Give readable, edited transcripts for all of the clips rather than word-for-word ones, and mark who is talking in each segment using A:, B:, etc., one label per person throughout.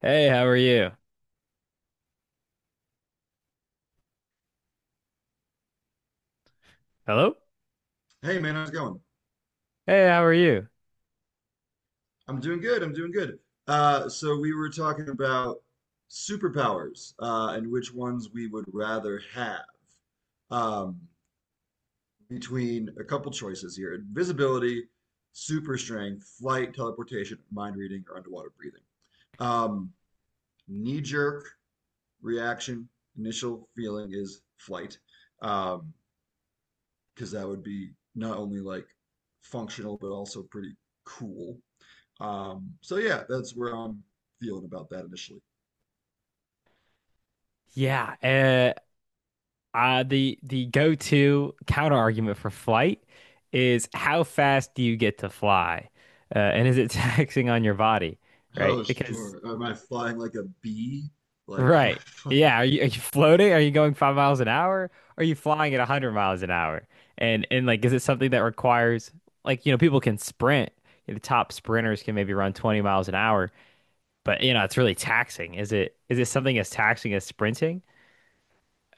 A: Hey, how are you? Hello?
B: Hey man, how's it going?
A: Hey, how are you?
B: I'm doing good. I'm doing good. So we were talking about superpowers and which ones we would rather have um, between a couple choices here: invisibility, super strength, flight, teleportation, mind reading, or underwater breathing. Um, Knee-jerk reaction, initial feeling is flight, um, because that would be not only like functional but also pretty cool. So yeah, that's where I'm feeling about that initially.
A: Yeah, uh, the go-to counter argument for flight is how fast do you get to fly? And is it taxing on your body,
B: Oh,
A: right? Because
B: sure. Am I flying like a bee? Like, am I
A: right.
B: flying?
A: Yeah, are you floating? Are you going 5 miles an hour? Are you flying at 100 miles an hour? And like is it something that requires like you know people can sprint. The top sprinters can maybe run 20 miles an hour, but you know, it's really taxing. Is it something as taxing as sprinting?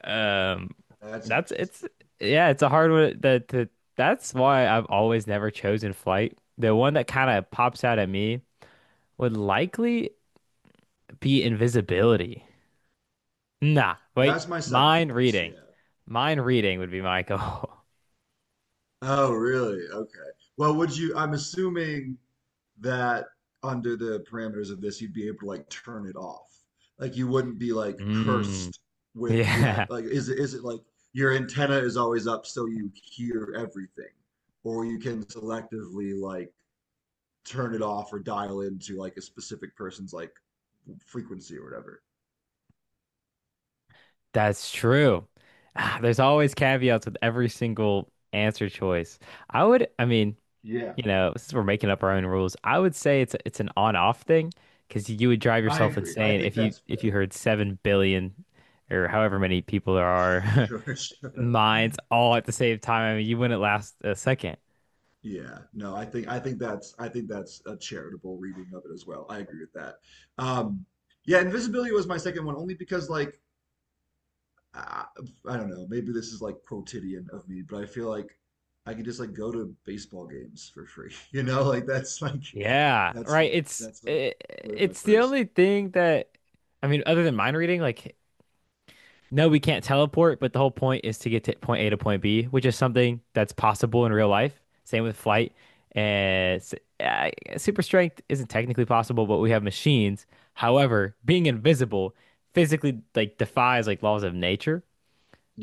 A: Um,
B: That's
A: that's it's
B: interesting.
A: yeah, it's a hard one. That's why I've always never chosen flight. The one that kind of pops out at me would likely be invisibility. Nah, wait,
B: That's my second
A: mind
B: choice.
A: reading.
B: Yeah.
A: Mind reading would be my goal.
B: Oh, really? Okay. Well, would you? I'm assuming that under the parameters of this, you'd be able to like turn it off. Like, you wouldn't be like
A: Mm,
B: cursed with the eye.
A: yeah,
B: Like, is it like your antenna is always up so you hear everything, or you can selectively like turn it off or dial into like a specific person's like frequency or whatever.
A: that's true. Ah, there's always caveats with every single answer choice. I would, I mean,
B: Yeah,
A: You know, since we're making up our own rules, I would say it's an on-off thing because you would drive
B: I
A: yourself
B: agree. I
A: insane
B: think
A: if you
B: that's
A: if you
B: fair.
A: heard 7 billion or however many people there are
B: Sure, sure.
A: minds all at the same time. I mean, you wouldn't last a second.
B: Yeah. No, I think that's I think that's a charitable reading of it as well. I agree with that. Um, yeah, invisibility was my second one only because like I, I don't know, maybe this is like quotidian of me, but I feel like I could just like go to baseball games for free. You know, like
A: Yeah, right.
B: that's like where my
A: It's the
B: first
A: only thing that I mean, other than mind reading, like no, we can't teleport, but the whole point is to get to point A to point B, which is something that's possible in real life. Same with flight. And s- uh, Super strength isn't technically possible, but we have machines. However, being invisible physically like defies like laws of nature.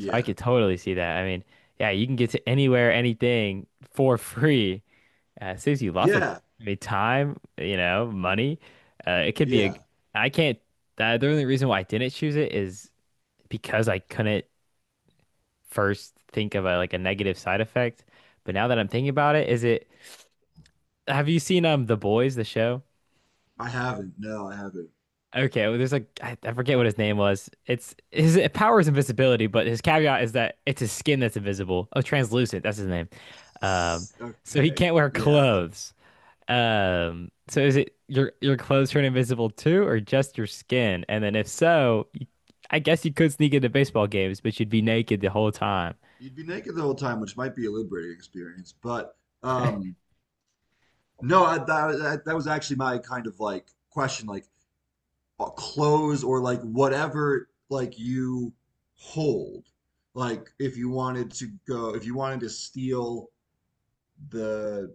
A: So I could totally see that. I mean, yeah, you can get to anywhere, anything for free. It saves you lots of,
B: Yeah.
A: I mean, time, money. It could be a,
B: Yeah.
A: I can't, The only reason why I didn't choose it is because I couldn't first think of a like a negative side effect. But now that I'm thinking about it, is it have you seen The Boys, the show?
B: I haven't. No, I haven't.
A: Okay, well, there's like I forget what his name was. It's his power is invisibility, but his caveat is that it's his skin that's invisible. Oh, translucent, that's his name. Um, so he
B: Okay.
A: can't wear
B: Yeah.
A: clothes. So is it your clothes turn invisible too, or just your skin? And then if so, you, I guess you could sneak into baseball games, but you'd be naked the whole time.
B: You'd be naked the whole time, which might be a liberating experience. But um, no, I, that, that, that was actually my kind of like question, like clothes or like whatever like you hold. Like if you wanted to go, if you wanted to steal the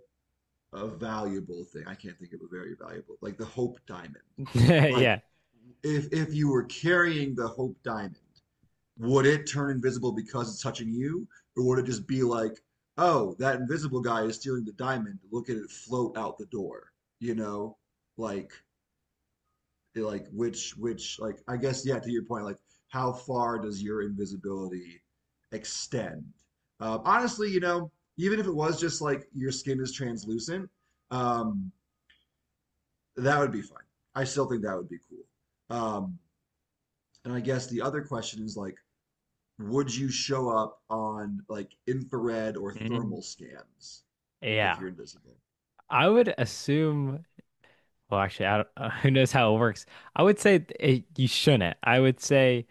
B: a valuable thing, I can't think of a very valuable, like the Hope Diamond. Like
A: Yeah.
B: if you were carrying the Hope Diamond, would it turn invisible because it's touching you? Or would it just be like, oh, that invisible guy is stealing the diamond. Look at it float out the door. You know, like like which like I guess yeah, to your point, like how far does your invisibility extend? Honestly, you know, even if it was just like your skin is translucent, um, that would be fine. I still think that would be cool. And I guess the other question is like, would you show up on like infrared or
A: Mm.
B: thermal scans if
A: Yeah.
B: you're invisible?
A: I would assume, well, actually, I don't, who knows how it works. I would say you shouldn't. I would say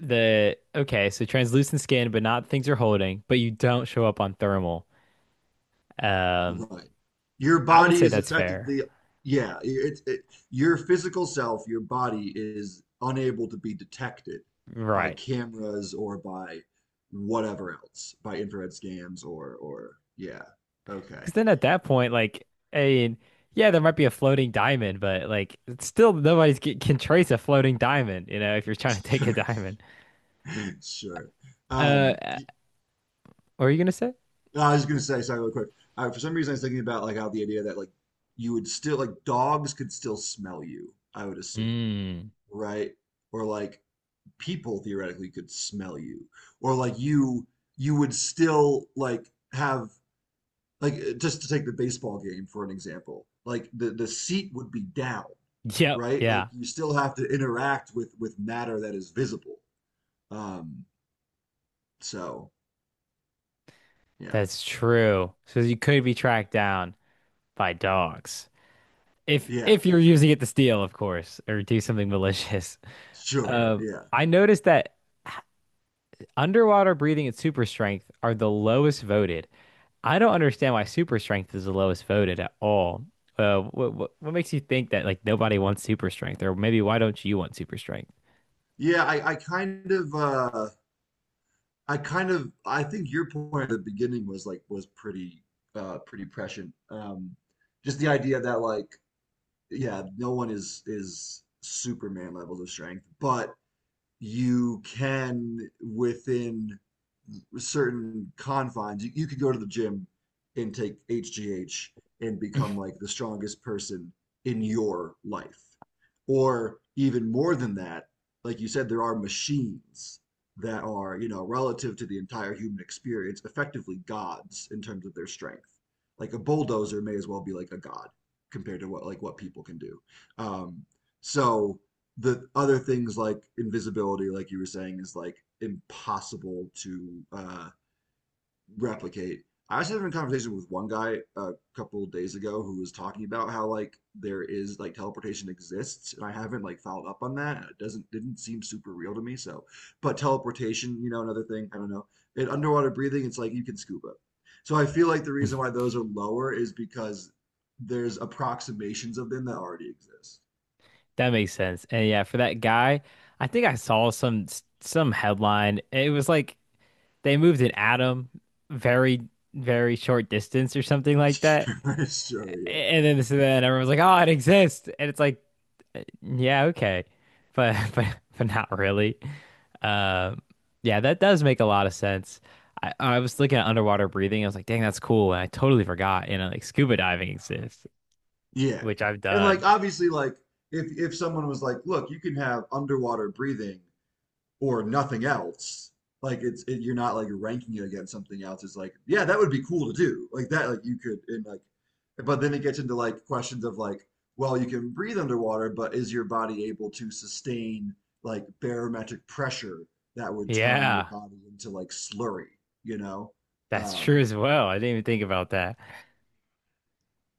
A: okay, so translucent skin, but not things you're holding, but you don't show up on thermal. Um,
B: Right. Your
A: I would
B: body
A: say
B: is
A: that's fair.
B: effectively, yeah, your physical self, your body is unable to be detected by
A: Right.
B: cameras or by whatever else, by infrared scans or yeah. Okay.
A: Because then at that point, like, I mean, yeah, there might be a floating diamond, but like, it's still nobody's can trace a floating diamond, you know, if you're trying to take a diamond.
B: Sure. Sure.
A: Uh,
B: Um,
A: uh, what are you gonna say?
B: No, I was just gonna say, sorry, real quick. For some reason, I was thinking about like how the idea that like you would still like dogs could still smell you, I would assume,
A: Mm.
B: right? Or like people theoretically could smell you, or like you would still like have like just to take the baseball game for an example, like the seat would be down,
A: Yep.
B: right? Like
A: Yeah.
B: you still have to interact with matter that is visible. Um, so yeah,
A: That's true. So you could be tracked down by dogs if
B: yeah,
A: if you're using it to steal, of course, or do something malicious.
B: sure,
A: Um,
B: yeah,
A: I noticed that underwater breathing and super strength are the lowest voted. I don't understand why super strength is the lowest voted at all. What makes you think that like nobody wants super strength, or maybe why don't you want super strength?
B: yeah. I kind of I think your point at the beginning was like was pretty pretty prescient. Just the idea that like yeah, no one is Superman levels of strength, but you can within certain confines. You could go to the gym and take HGH and become like the strongest person in your life. Or even more than that, like you said, there are machines that are, you know, relative to the entire human experience, effectively gods in terms of their strength. Like a bulldozer may as well be like a god compared to what like what people can do. Um, so the other things like invisibility, like you were saying, is like impossible to replicate. I was having a conversation with one guy a couple of days ago who was talking about how like there is like teleportation exists, and I haven't like followed up on that. It doesn't didn't seem super real to me. So, but teleportation, you know, another thing. I don't know. And underwater breathing, it's like you can scuba. So I feel like the reason why those are lower is because there's approximations of them that already exist.
A: That makes sense. And yeah, for that guy, I think I saw some headline. It was like they moved an atom very, very short distance or something like that.
B: Sure, yeah.
A: And then so then everyone's like, "Oh, it exists," and it's like, "Yeah, okay," but but not really. Um, yeah, that does make a lot of sense. I was looking at underwater breathing. I was like, "Dang, that's cool," and I totally forgot. You know, like scuba diving exists,
B: Yeah.
A: which I've
B: And
A: done.
B: like obviously like if someone was like, "Look, you can have underwater breathing or nothing else." Like you're not like ranking it against something else. It's like, "Yeah, that would be cool to do." Like that like you could and like but then it gets into like questions of like, well, you can breathe underwater, but is your body able to sustain like barometric pressure that would turn your
A: Yeah,
B: body into like slurry, you know?
A: that's true
B: Um
A: as well. I didn't even think about that.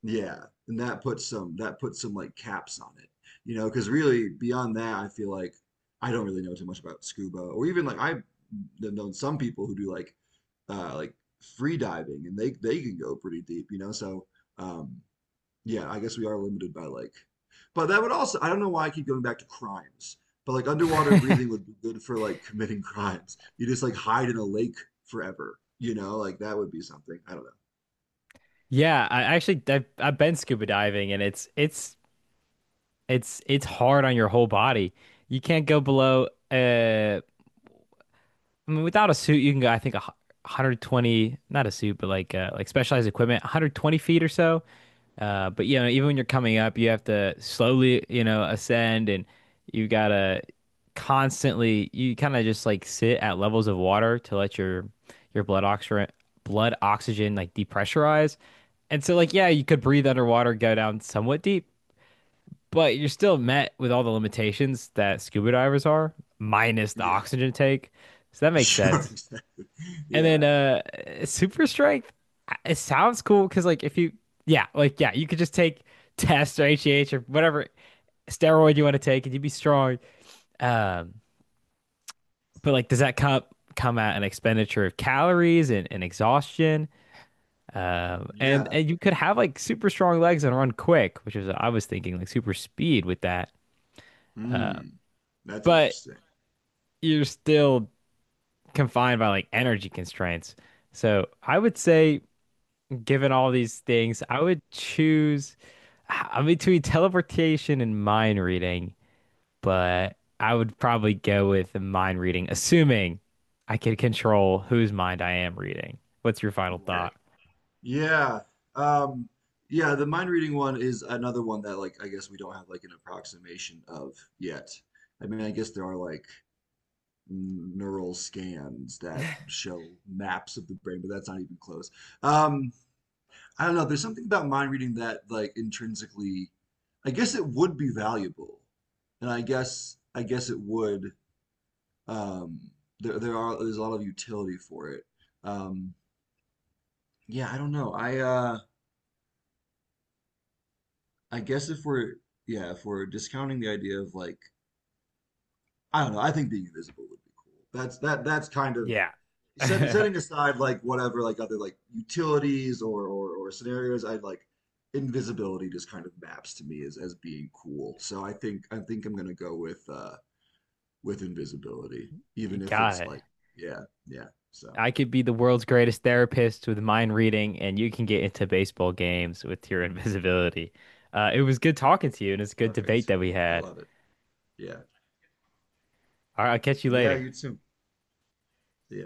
B: Yeah, and that puts some like caps on it, you know, because really beyond that, I feel like I don't really know too much about scuba or even like I've known some people who do like uh like free diving and they can go pretty deep, you know. So um yeah, I guess we are limited by like, but that would also I don't know why I keep going back to crimes, but like underwater breathing would be good for like committing crimes. You just like hide in a lake forever, you know, like that would be something. I don't know.
A: Yeah, I actually I've been scuba diving, and it's it's hard on your whole body. You can't go below. Uh, I mean, without a suit, you can go. I think 120, not a suit, but like specialized equipment, 120 feet or so. But you know, even when you're coming up, you have to slowly, you know, ascend, and you gotta constantly. You kind of just like sit at levels of water to let your blood oxygen like depressurize. And so, like, yeah, you could breathe underwater, go down somewhat deep, but you're still met with all the limitations that scuba divers are, minus the
B: Yeah,
A: oxygen take. So that makes
B: sure,
A: sense.
B: exactly.
A: And
B: Yeah.
A: then Super strength, it sounds cool because like if you yeah, like yeah, you could just take tests or HGH or whatever steroid you want to take and you'd be strong. Um, but like does that come at an expenditure of calories and exhaustion?
B: Yeah.
A: And you could have like super strong legs and run quick, which is I was thinking like super speed with that.
B: Hmm. That's
A: But
B: interesting.
A: you're still confined by like energy constraints. So I would say, given all these things, I would choose I'm between teleportation and mind reading, but I would probably go with the mind reading, assuming I could control whose mind I am reading. What's your final
B: Right.
A: thought?
B: Yeah. Um, yeah, the mind reading one is another one that like I guess we don't have like an approximation of yet. I mean, I guess there are like neural scans that show maps of the brain, but that's not even close. Um, I don't know. There's something about mind reading that like intrinsically, I guess it would be valuable. And I guess it would um there's a lot of utility for it. Um Yeah, I don't know. I guess if we're yeah, if we're discounting the idea of like I don't know, I think being invisible would be cool. That's kind of
A: Yeah.
B: setting aside like whatever like other like utilities or or scenarios, I like invisibility just kind of maps to me as being cool. So I think I'm gonna go with invisibility,
A: You
B: even if
A: got
B: it's
A: it.
B: like yeah, yeah. So
A: I could be the world's greatest therapist with mind reading, and you can get into baseball games with your invisibility. It was good talking to you, and it's a good debate
B: perfect.
A: that we
B: I
A: had.
B: love it. Yeah.
A: All right, I'll catch you
B: Yeah,
A: later.
B: you too. Yeah.